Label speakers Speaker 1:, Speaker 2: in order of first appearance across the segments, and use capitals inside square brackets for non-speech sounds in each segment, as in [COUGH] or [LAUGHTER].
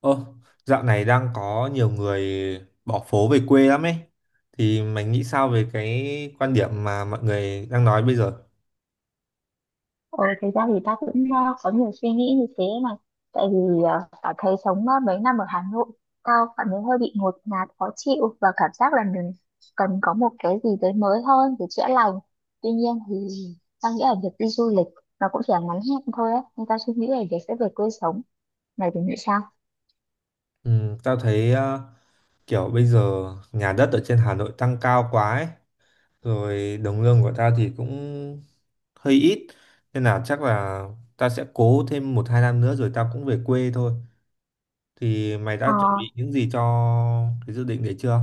Speaker 1: Ơ, dạo này đang có nhiều người bỏ phố về quê lắm ấy. Thì mày nghĩ sao về cái quan điểm mà mọi người đang nói bây giờ?
Speaker 2: Ờ, Thực ra thì ta cũng có nhiều suy nghĩ như thế này, tại vì ta thấy sống mấy năm ở Hà Nội, tao cảm thấy hơi bị ngột ngạt khó chịu và cảm giác là mình cần có một cái gì đấy mới hơn để chữa lành. Tuy nhiên thì tao nghĩ là việc đi du lịch nó cũng chỉ là ngắn hạn thôi á, nên tao suy nghĩ là việc sẽ về quê sống. Mày thì nghĩ sao?
Speaker 1: Ừ, tao thấy kiểu bây giờ nhà đất ở trên Hà Nội tăng cao quá ấy. Rồi đồng lương của tao thì cũng hơi ít. Nên là chắc là tao sẽ cố thêm 1-2 năm nữa rồi tao cũng về quê thôi. Thì mày đã chuẩn bị những gì cho cái dự định đấy chưa?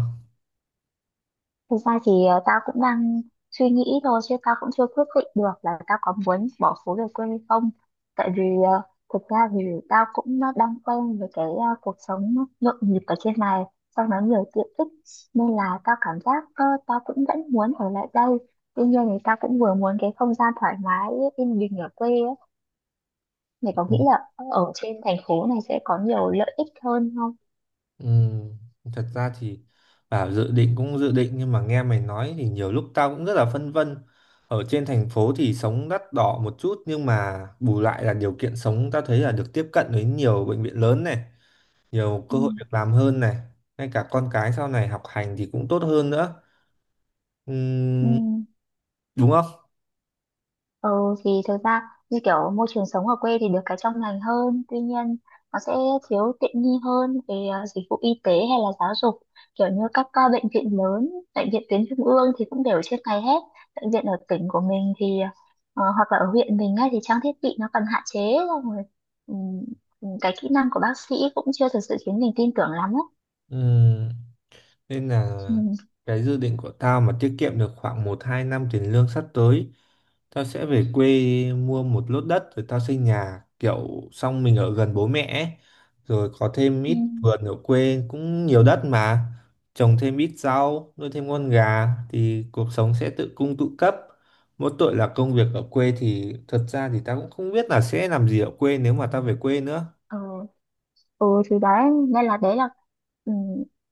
Speaker 2: Thực ra thì tao cũng đang suy nghĩ thôi, chứ tao cũng chưa quyết định được là tao có muốn bỏ phố về quê hay không. Tại vì thực ra thì tao cũng đang quen với cái cuộc sống nhộn nhịp ở trên này, sau đó nhiều tiện ích, nên là tao cảm giác tao cũng vẫn muốn ở lại đây. Tuy nhiên thì tao cũng vừa muốn cái không gian thoải mái, yên bình ở quê ấy. Mày có nghĩ là ở trên thành phố này sẽ có nhiều lợi ích hơn không?
Speaker 1: Ừ, thật ra thì bảo dự định cũng dự định nhưng mà nghe mày nói thì nhiều lúc tao cũng rất là phân vân. Ở trên thành phố thì sống đắt đỏ một chút nhưng mà bù lại là điều kiện sống tao thấy là được tiếp cận với nhiều bệnh viện lớn này, nhiều
Speaker 2: Ừ.
Speaker 1: cơ hội việc làm hơn này, ngay cả con cái sau này học hành thì cũng tốt hơn nữa.
Speaker 2: Ừ.
Speaker 1: Ừm, đúng không?
Speaker 2: Ừ thì thực ra như kiểu môi trường sống ở quê thì được cái trong lành hơn, tuy nhiên nó sẽ thiếu tiện nghi hơn về dịch vụ y tế hay là giáo dục, kiểu như các bệnh viện lớn, bệnh viện tuyến trung ương thì cũng đều ở trên này hết. Bệnh viện ở tỉnh của mình thì hoặc là ở huyện mình ấy, thì trang thiết bị nó còn hạn chế, xong rồi ừm, cái kỹ năng của bác sĩ cũng chưa thực sự khiến mình tin tưởng lắm ấy.
Speaker 1: Ừm, Nên là
Speaker 2: Ừ.
Speaker 1: cái dự định của tao mà tiết kiệm được khoảng 1-2 năm tiền lương sắp tới, tao sẽ về quê mua một lốt đất rồi tao xây nhà kiểu xong mình ở gần bố mẹ ấy. Rồi có thêm
Speaker 2: Ừ.
Speaker 1: ít vườn ở quê cũng nhiều đất mà trồng thêm ít rau nuôi thêm con gà thì cuộc sống sẽ tự cung tự cấp. Mỗi tội là công việc ở quê thì thật ra thì tao cũng không biết là sẽ làm gì ở quê nếu mà tao về quê nữa.
Speaker 2: Ừ. Ừ thì đấy, nên là đấy là ừ,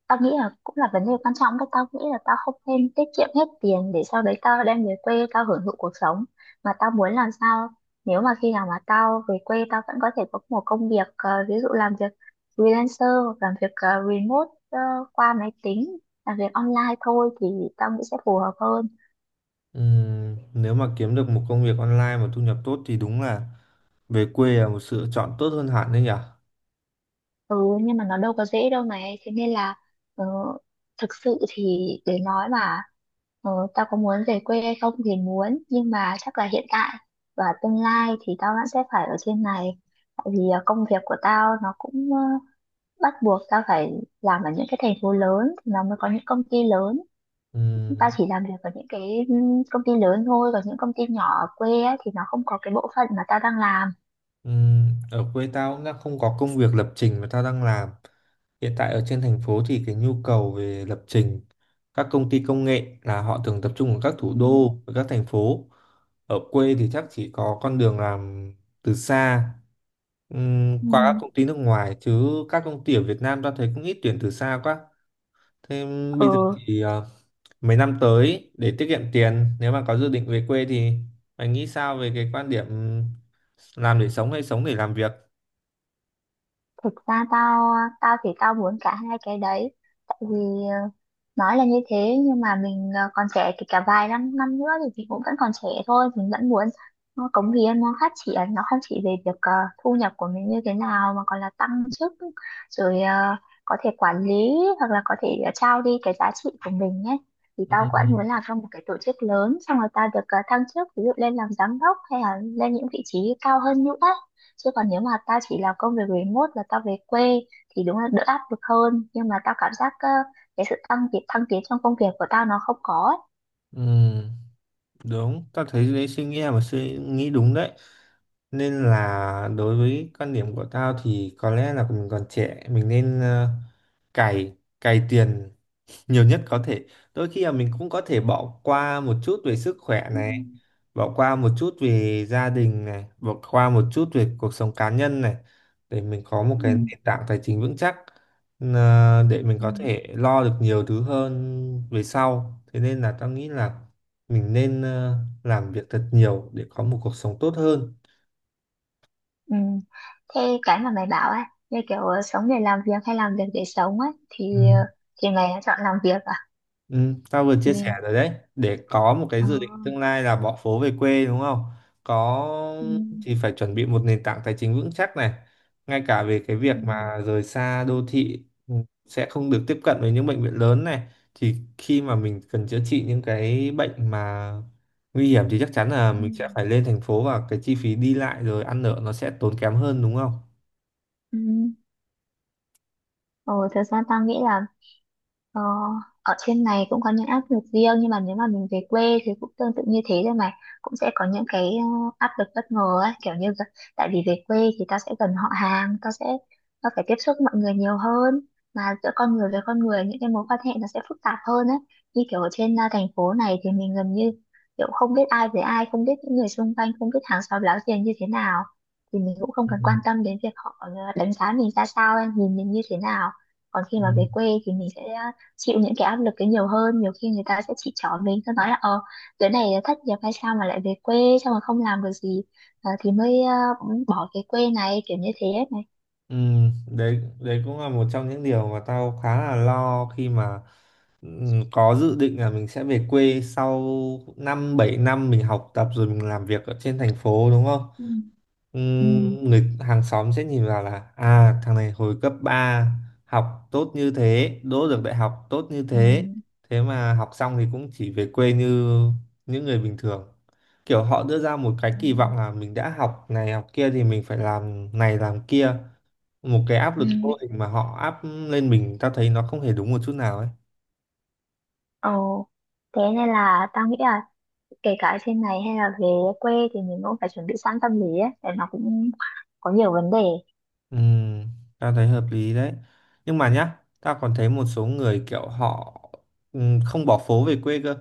Speaker 2: tao nghĩ là cũng là vấn đề quan trọng đấy. Tao nghĩ là tao không nên tiết kiệm hết tiền để sau đấy tao đem về quê tao hưởng thụ cuộc sống, mà tao muốn làm sao nếu mà khi nào mà tao về quê, tao vẫn có thể có một công việc, ví dụ làm việc freelancer hoặc làm việc remote, qua máy tính, làm việc online thôi, thì tao nghĩ sẽ phù hợp hơn.
Speaker 1: Nếu mà kiếm được một công việc online mà thu nhập tốt thì đúng là về quê là một sự chọn tốt hơn hẳn đấy nhỉ?
Speaker 2: Ừ, nhưng mà nó đâu có dễ đâu này. Thế nên là ờ, thực sự thì để nói mà tao có muốn về quê hay không thì muốn, nhưng mà chắc là hiện tại và tương lai thì tao vẫn sẽ phải ở trên này. Tại vì công việc của tao nó cũng bắt buộc tao phải làm ở những cái thành phố lớn, thì nó mới có những công ty lớn. Tao
Speaker 1: Ừm,
Speaker 2: chỉ làm việc ở những cái công ty lớn thôi. Còn những công ty nhỏ ở quê á, thì nó không có cái bộ phận mà tao đang làm.
Speaker 1: Ở quê tao cũng đang không có công việc lập trình mà tao đang làm. Hiện tại ở trên thành phố thì cái nhu cầu về lập trình các công ty công nghệ là họ thường tập trung ở các
Speaker 2: Ừ.
Speaker 1: thủ đô và các thành phố. Ở quê thì chắc chỉ có con đường làm từ xa,
Speaker 2: Ừ.
Speaker 1: qua các công ty nước ngoài chứ các công ty ở Việt Nam tao thấy cũng ít tuyển từ xa quá. Thế
Speaker 2: Ừ.
Speaker 1: bây giờ thì mấy năm tới để tiết kiệm tiền nếu mà có dự định về quê thì anh nghĩ sao về cái quan điểm làm để sống hay sống để làm việc?
Speaker 2: Thực ra tao tao thì tao muốn cả hai cái đấy, tại vì ờ, nói là như thế, nhưng mà mình còn trẻ, kể cả vài năm năm nữa thì mình cũng vẫn còn trẻ thôi, mình vẫn muốn nó cống hiến, nó phát triển, nó không chỉ về việc thu nhập của mình như thế nào mà còn là tăng chức, rồi có thể quản lý, hoặc là có thể trao đi cái giá trị của mình nhé. Thì
Speaker 1: Ừ,
Speaker 2: tao
Speaker 1: ừ,
Speaker 2: cũng muốn làm trong một cái tổ chức lớn, xong rồi tao được thăng chức, ví dụ lên làm giám đốc hay là lên những vị trí cao hơn nữa. Chứ còn nếu mà tao chỉ làm công việc remote là tao về quê thì đúng là đỡ áp lực hơn, nhưng mà tao cảm giác cái sự tăng tiến thăng tiến trong công việc của tao nó không có ấy.
Speaker 1: ừ. Đúng, ta thấy đấy suy nghĩ là một suy nghĩ đúng đấy. Nên là đối với quan điểm của tao thì có lẽ là mình còn trẻ, mình nên cày cày tiền nhiều nhất có thể. Đôi khi là mình cũng có thể bỏ qua một chút về sức khỏe
Speaker 2: Ừ.
Speaker 1: này, bỏ qua một chút về gia đình này, bỏ qua một chút về cuộc sống cá nhân này để mình có một
Speaker 2: Ừ.
Speaker 1: cái nền tảng tài chính vững chắc, là để mình
Speaker 2: Ừ.
Speaker 1: có thể lo được nhiều thứ hơn về sau. Thế nên là tao nghĩ là mình nên làm việc thật nhiều để có một cuộc sống tốt hơn.
Speaker 2: Ừ. Thế cái mà mày bảo ấy, như kiểu sống để làm việc hay làm việc để sống ấy,
Speaker 1: Ừ.
Speaker 2: thì thì mày đã chọn làm việc à?
Speaker 1: Ừ, tao vừa chia sẻ
Speaker 2: Mình
Speaker 1: rồi đấy, để có một cái
Speaker 2: ờ,
Speaker 1: dự định tương lai là bỏ phố về quê đúng không? Có,
Speaker 2: Ừ.
Speaker 1: thì phải chuẩn bị một nền tảng tài chính vững chắc này, ngay cả về cái
Speaker 2: Ừ.
Speaker 1: việc mà rời xa đô thị, sẽ không được tiếp cận với những bệnh viện lớn này, thì khi mà mình cần chữa trị những cái bệnh mà nguy hiểm thì chắc chắn là
Speaker 2: Ừ.
Speaker 1: mình sẽ phải lên thành phố và cái chi phí đi lại rồi ăn ở nó sẽ tốn kém hơn đúng không?
Speaker 2: Ừ. Ồ, thực ra tao nghĩ là... Ờ, ở trên này cũng có những áp lực riêng, nhưng mà nếu mà mình về quê thì cũng tương tự như thế thôi mà, cũng sẽ có những cái áp lực bất ngờ ấy, kiểu như vậy. Tại vì về quê thì tao sẽ gần họ hàng, tao phải tiếp xúc mọi người nhiều hơn. Mà giữa con người với con người, những cái mối quan hệ nó sẽ phức tạp hơn ấy. Như kiểu ở trên thành phố này thì mình gần như kiểu không biết ai với ai, không biết những người xung quanh, không biết hàng xóm láng giềng như thế nào, thì mình cũng không
Speaker 1: Ừ.
Speaker 2: cần quan tâm đến việc họ đánh giá mình ra sao, nhìn mình như thế nào. Còn khi
Speaker 1: Ừ.
Speaker 2: mà về quê thì mình sẽ chịu những cái áp lực ấy nhiều hơn, nhiều khi người ta sẽ chỉ trỏ mình, ta nói là đứa này thất nghiệp hay sao mà lại về quê, xong rồi không làm được gì, thì mới bỏ cái quê này, kiểu như thế ấy này.
Speaker 1: Ừ, đấy đấy cũng là một trong những điều mà tao khá là lo khi mà ừ, có dự định là mình sẽ về quê sau 5-7 năm mình học tập rồi mình làm việc ở trên thành phố đúng không?
Speaker 2: Ừ.
Speaker 1: Ừ,
Speaker 2: Ừ.
Speaker 1: người hàng xóm sẽ nhìn vào là à thằng này hồi cấp 3 học tốt như thế, đỗ được đại học tốt như
Speaker 2: Ừ.
Speaker 1: thế, thế mà học xong thì cũng chỉ về quê như những người bình thường. Kiểu họ đưa ra một cái
Speaker 2: Ừ.
Speaker 1: kỳ vọng là mình đã học này học kia thì mình phải làm này làm kia, một cái áp
Speaker 2: Ừ.
Speaker 1: lực vô hình mà họ áp lên mình tao thấy nó không hề đúng một chút nào ấy.
Speaker 2: Ồ, thế nên là tao nghĩ là kể cả ở trên này hay là về quê thì mình cũng phải chuẩn bị sẵn tâm lý ấy, để nó cũng có nhiều vấn đề.
Speaker 1: ừ, Tao thấy hợp lý đấy, nhưng mà nhá tao còn thấy một số người kiểu họ ừ, không bỏ phố về quê cơ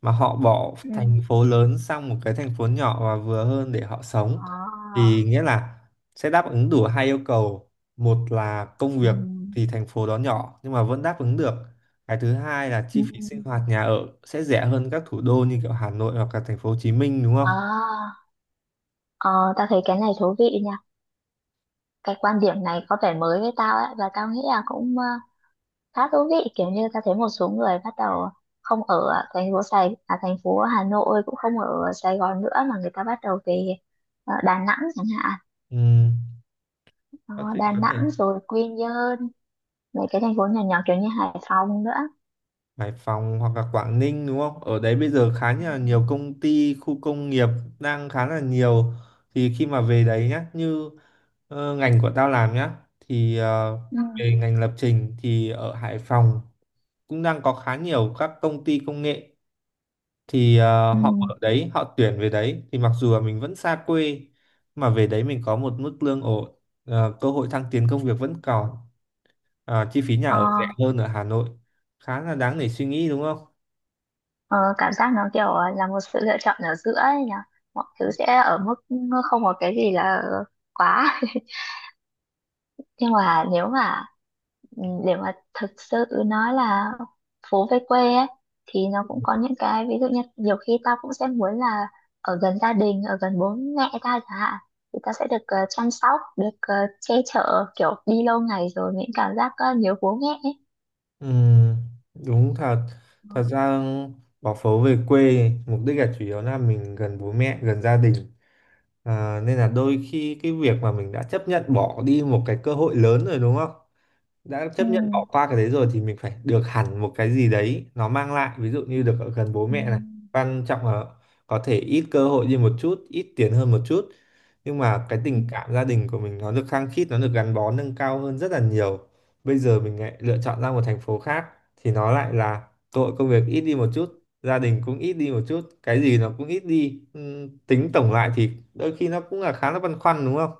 Speaker 1: mà họ bỏ
Speaker 2: Ừ.
Speaker 1: thành phố lớn sang một cái thành phố nhỏ và vừa hơn để họ sống,
Speaker 2: À.
Speaker 1: thì nghĩa là sẽ đáp ứng đủ hai yêu cầu. Một là công
Speaker 2: Ừ.
Speaker 1: việc thì thành phố đó nhỏ nhưng mà vẫn đáp ứng được. Cái thứ hai là
Speaker 2: Ừ.
Speaker 1: chi phí sinh hoạt nhà ở sẽ rẻ hơn các thủ đô như kiểu Hà Nội hoặc là thành phố Hồ Chí Minh đúng không?
Speaker 2: À, ờ, tao thấy cái này thú vị nha. Cái quan điểm này có vẻ mới với tao ấy, và tao nghĩ là cũng khá thú vị. Kiểu như tao thấy một số người bắt đầu không ở thành phố thành phố Hà Nội, cũng không ở Sài Gòn nữa, mà người ta bắt đầu về Đà Nẵng chẳng hạn.
Speaker 1: Ừ, các
Speaker 2: Đó,
Speaker 1: thầy
Speaker 2: Đà
Speaker 1: có thể
Speaker 2: Nẵng rồi Quy Nhơn, mấy cái thành phố nhỏ nhỏ kiểu như Hải Phòng nữa.
Speaker 1: Hải Phòng hoặc là Quảng Ninh đúng không? Ở đấy bây giờ khá
Speaker 2: Ừ.
Speaker 1: là nhiều công ty, khu công nghiệp, đang khá là nhiều. Thì khi mà về đấy nhá, như ngành của tao làm nhá, thì
Speaker 2: Ừ.
Speaker 1: về ngành lập trình thì ở Hải Phòng cũng đang có khá nhiều các công ty công nghệ, thì
Speaker 2: Ừ.
Speaker 1: họ ở đấy họ tuyển về đấy thì mặc dù là mình vẫn xa quê mà về đấy mình có một mức lương ổn, cơ hội thăng tiến công việc vẫn còn, chi phí nhà
Speaker 2: Ờ,
Speaker 1: ở rẻ hơn ở Hà Nội, khá là đáng để suy nghĩ đúng không?
Speaker 2: ờ, cảm giác nó kiểu là một sự lựa chọn ở giữa ấy nhỉ, mọi thứ sẽ ở mức không có cái gì là quá [LAUGHS] nhưng mà nếu mà ừ, để mà thực sự nói là... phố về quê ấy, thì nó cũng có những cái, ví dụ như nhiều khi tao cũng sẽ muốn là ở gần gia đình, ở gần bố mẹ tao chẳng hạn, thì tao sẽ được chăm sóc, được che chở, kiểu đi lâu ngày rồi những cảm giác nhớ bố mẹ ấy.
Speaker 1: Ừ, đúng thật. Thật ra bỏ phố về quê mục đích là chủ yếu là mình gần bố mẹ gần gia đình. Ờ, nên là đôi khi cái việc mà mình đã chấp nhận bỏ đi một cái cơ hội lớn rồi đúng không, đã
Speaker 2: Ừ.
Speaker 1: chấp nhận bỏ qua cái đấy rồi thì mình phải được hẳn một cái gì đấy nó mang lại, ví dụ như được ở gần bố
Speaker 2: Ừ.
Speaker 1: mẹ này. Quan trọng là có thể ít cơ hội đi một chút, ít tiền hơn một chút, nhưng mà cái tình cảm gia đình của mình nó được khăng khít, nó được gắn bó nâng cao hơn rất là nhiều. Bây giờ mình lại lựa chọn ra một thành phố khác thì nó lại là cơ hội công việc ít đi một chút, gia đình cũng ít đi một chút, cái gì nó cũng ít đi. Tính tổng lại thì đôi khi nó cũng là khá là băn khoăn đúng không?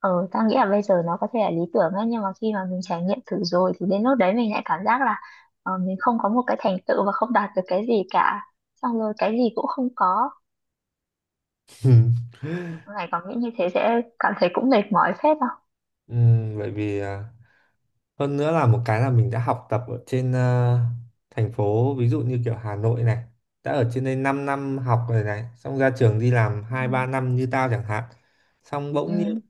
Speaker 2: Ừ, tao nghĩ là bây giờ nó có thể là lý tưởng ấy, nhưng mà khi mà mình trải nghiệm thử rồi thì đến lúc đấy mình lại cảm giác là mình không có một cái thành tựu và không đạt được cái gì cả, xong rồi cái gì cũng không có.
Speaker 1: [LAUGHS]
Speaker 2: Này còn nghĩ như thế sẽ cảm thấy cũng mệt mỏi phết không?
Speaker 1: Bởi vì à, hơn nữa là một cái là mình đã học tập ở trên thành phố ví dụ như kiểu Hà Nội này, đã ở trên đây 5 năm học rồi này, xong ra trường đi làm
Speaker 2: Ừ.
Speaker 1: 2-3 năm như tao chẳng hạn, xong bỗng nhiên
Speaker 2: Ừ.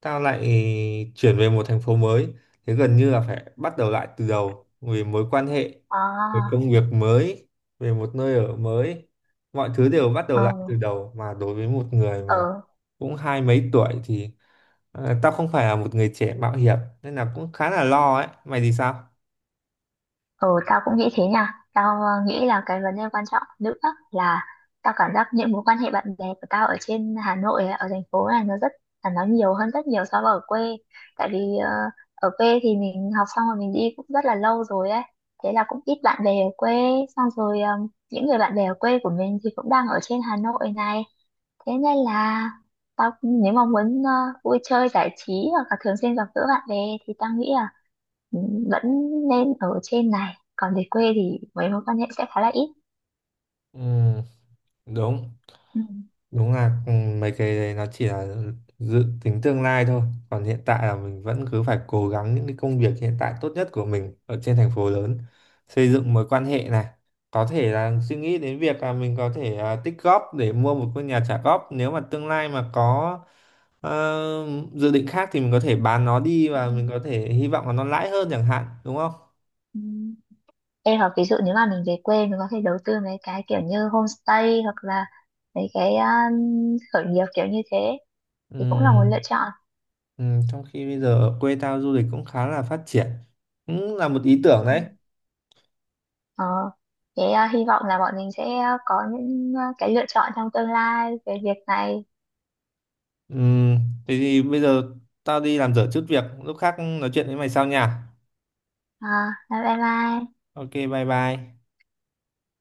Speaker 1: tao lại chuyển về một thành phố mới, thế gần như là phải bắt đầu lại từ đầu về mối quan hệ, về
Speaker 2: À,
Speaker 1: công việc mới, về một nơi ở mới, mọi thứ đều bắt đầu lại từ
Speaker 2: ừ,
Speaker 1: đầu, mà đối với một người
Speaker 2: ừ,
Speaker 1: mà cũng hai mấy tuổi thì, ờ, tao không phải là một người trẻ mạo hiểm nên là cũng khá là lo ấy. Mày thì sao?
Speaker 2: ừ, tao cũng nghĩ thế nha. Tao nghĩ là cái vấn đề quan trọng nữa là tao cảm giác những mối quan hệ bạn bè của tao ở trên Hà Nội, ở thành phố này nó nhiều hơn rất nhiều so với ở quê. Tại vì ở quê thì mình học xong rồi mình đi cũng rất là lâu rồi ấy. Thế là cũng ít bạn bè ở quê. Xong rồi những người bạn bè ở quê của mình thì cũng đang ở trên Hà Nội này. Thế nên là tao nếu mà muốn vui chơi giải trí hoặc là thường xuyên gặp gỡ bạn bè thì tao nghĩ là ừ, vẫn nên ở trên này. Còn về quê thì mấy mối quan hệ sẽ khá là ít.
Speaker 1: Ừ, đúng,
Speaker 2: Ừ.
Speaker 1: đúng là mấy cái đấy nó chỉ là dự tính tương lai thôi. Còn hiện tại là mình vẫn cứ phải cố gắng những cái công việc hiện tại tốt nhất của mình ở trên thành phố lớn, xây dựng mối quan hệ này. Có thể là suy nghĩ đến việc là mình có thể à, tích góp để mua một ngôi nhà trả góp. Nếu mà tương lai mà có ờ, dự định khác thì mình có thể bán nó đi và mình có thể hy vọng là nó lãi hơn chẳng hạn, đúng không?
Speaker 2: Ừ. Ê, hoặc ví dụ nếu mà mình về quê, mình có thể đầu tư mấy cái kiểu như homestay hoặc là mấy cái khởi nghiệp kiểu như thế thì cũng là một lựa
Speaker 1: Ừm,
Speaker 2: chọn.
Speaker 1: Trong khi bây giờ ở quê tao du lịch cũng khá là phát triển, cũng là một ý tưởng
Speaker 2: Ừ.
Speaker 1: đấy.
Speaker 2: Ờ, thế à, hy vọng là bọn mình sẽ có những cái lựa chọn trong tương lai về việc này.
Speaker 1: Ừm, Thế thì bây giờ tao đi làm dở chút việc, lúc khác nói chuyện với mày sau nha.
Speaker 2: À, bye bye.
Speaker 1: Ok, bye bye.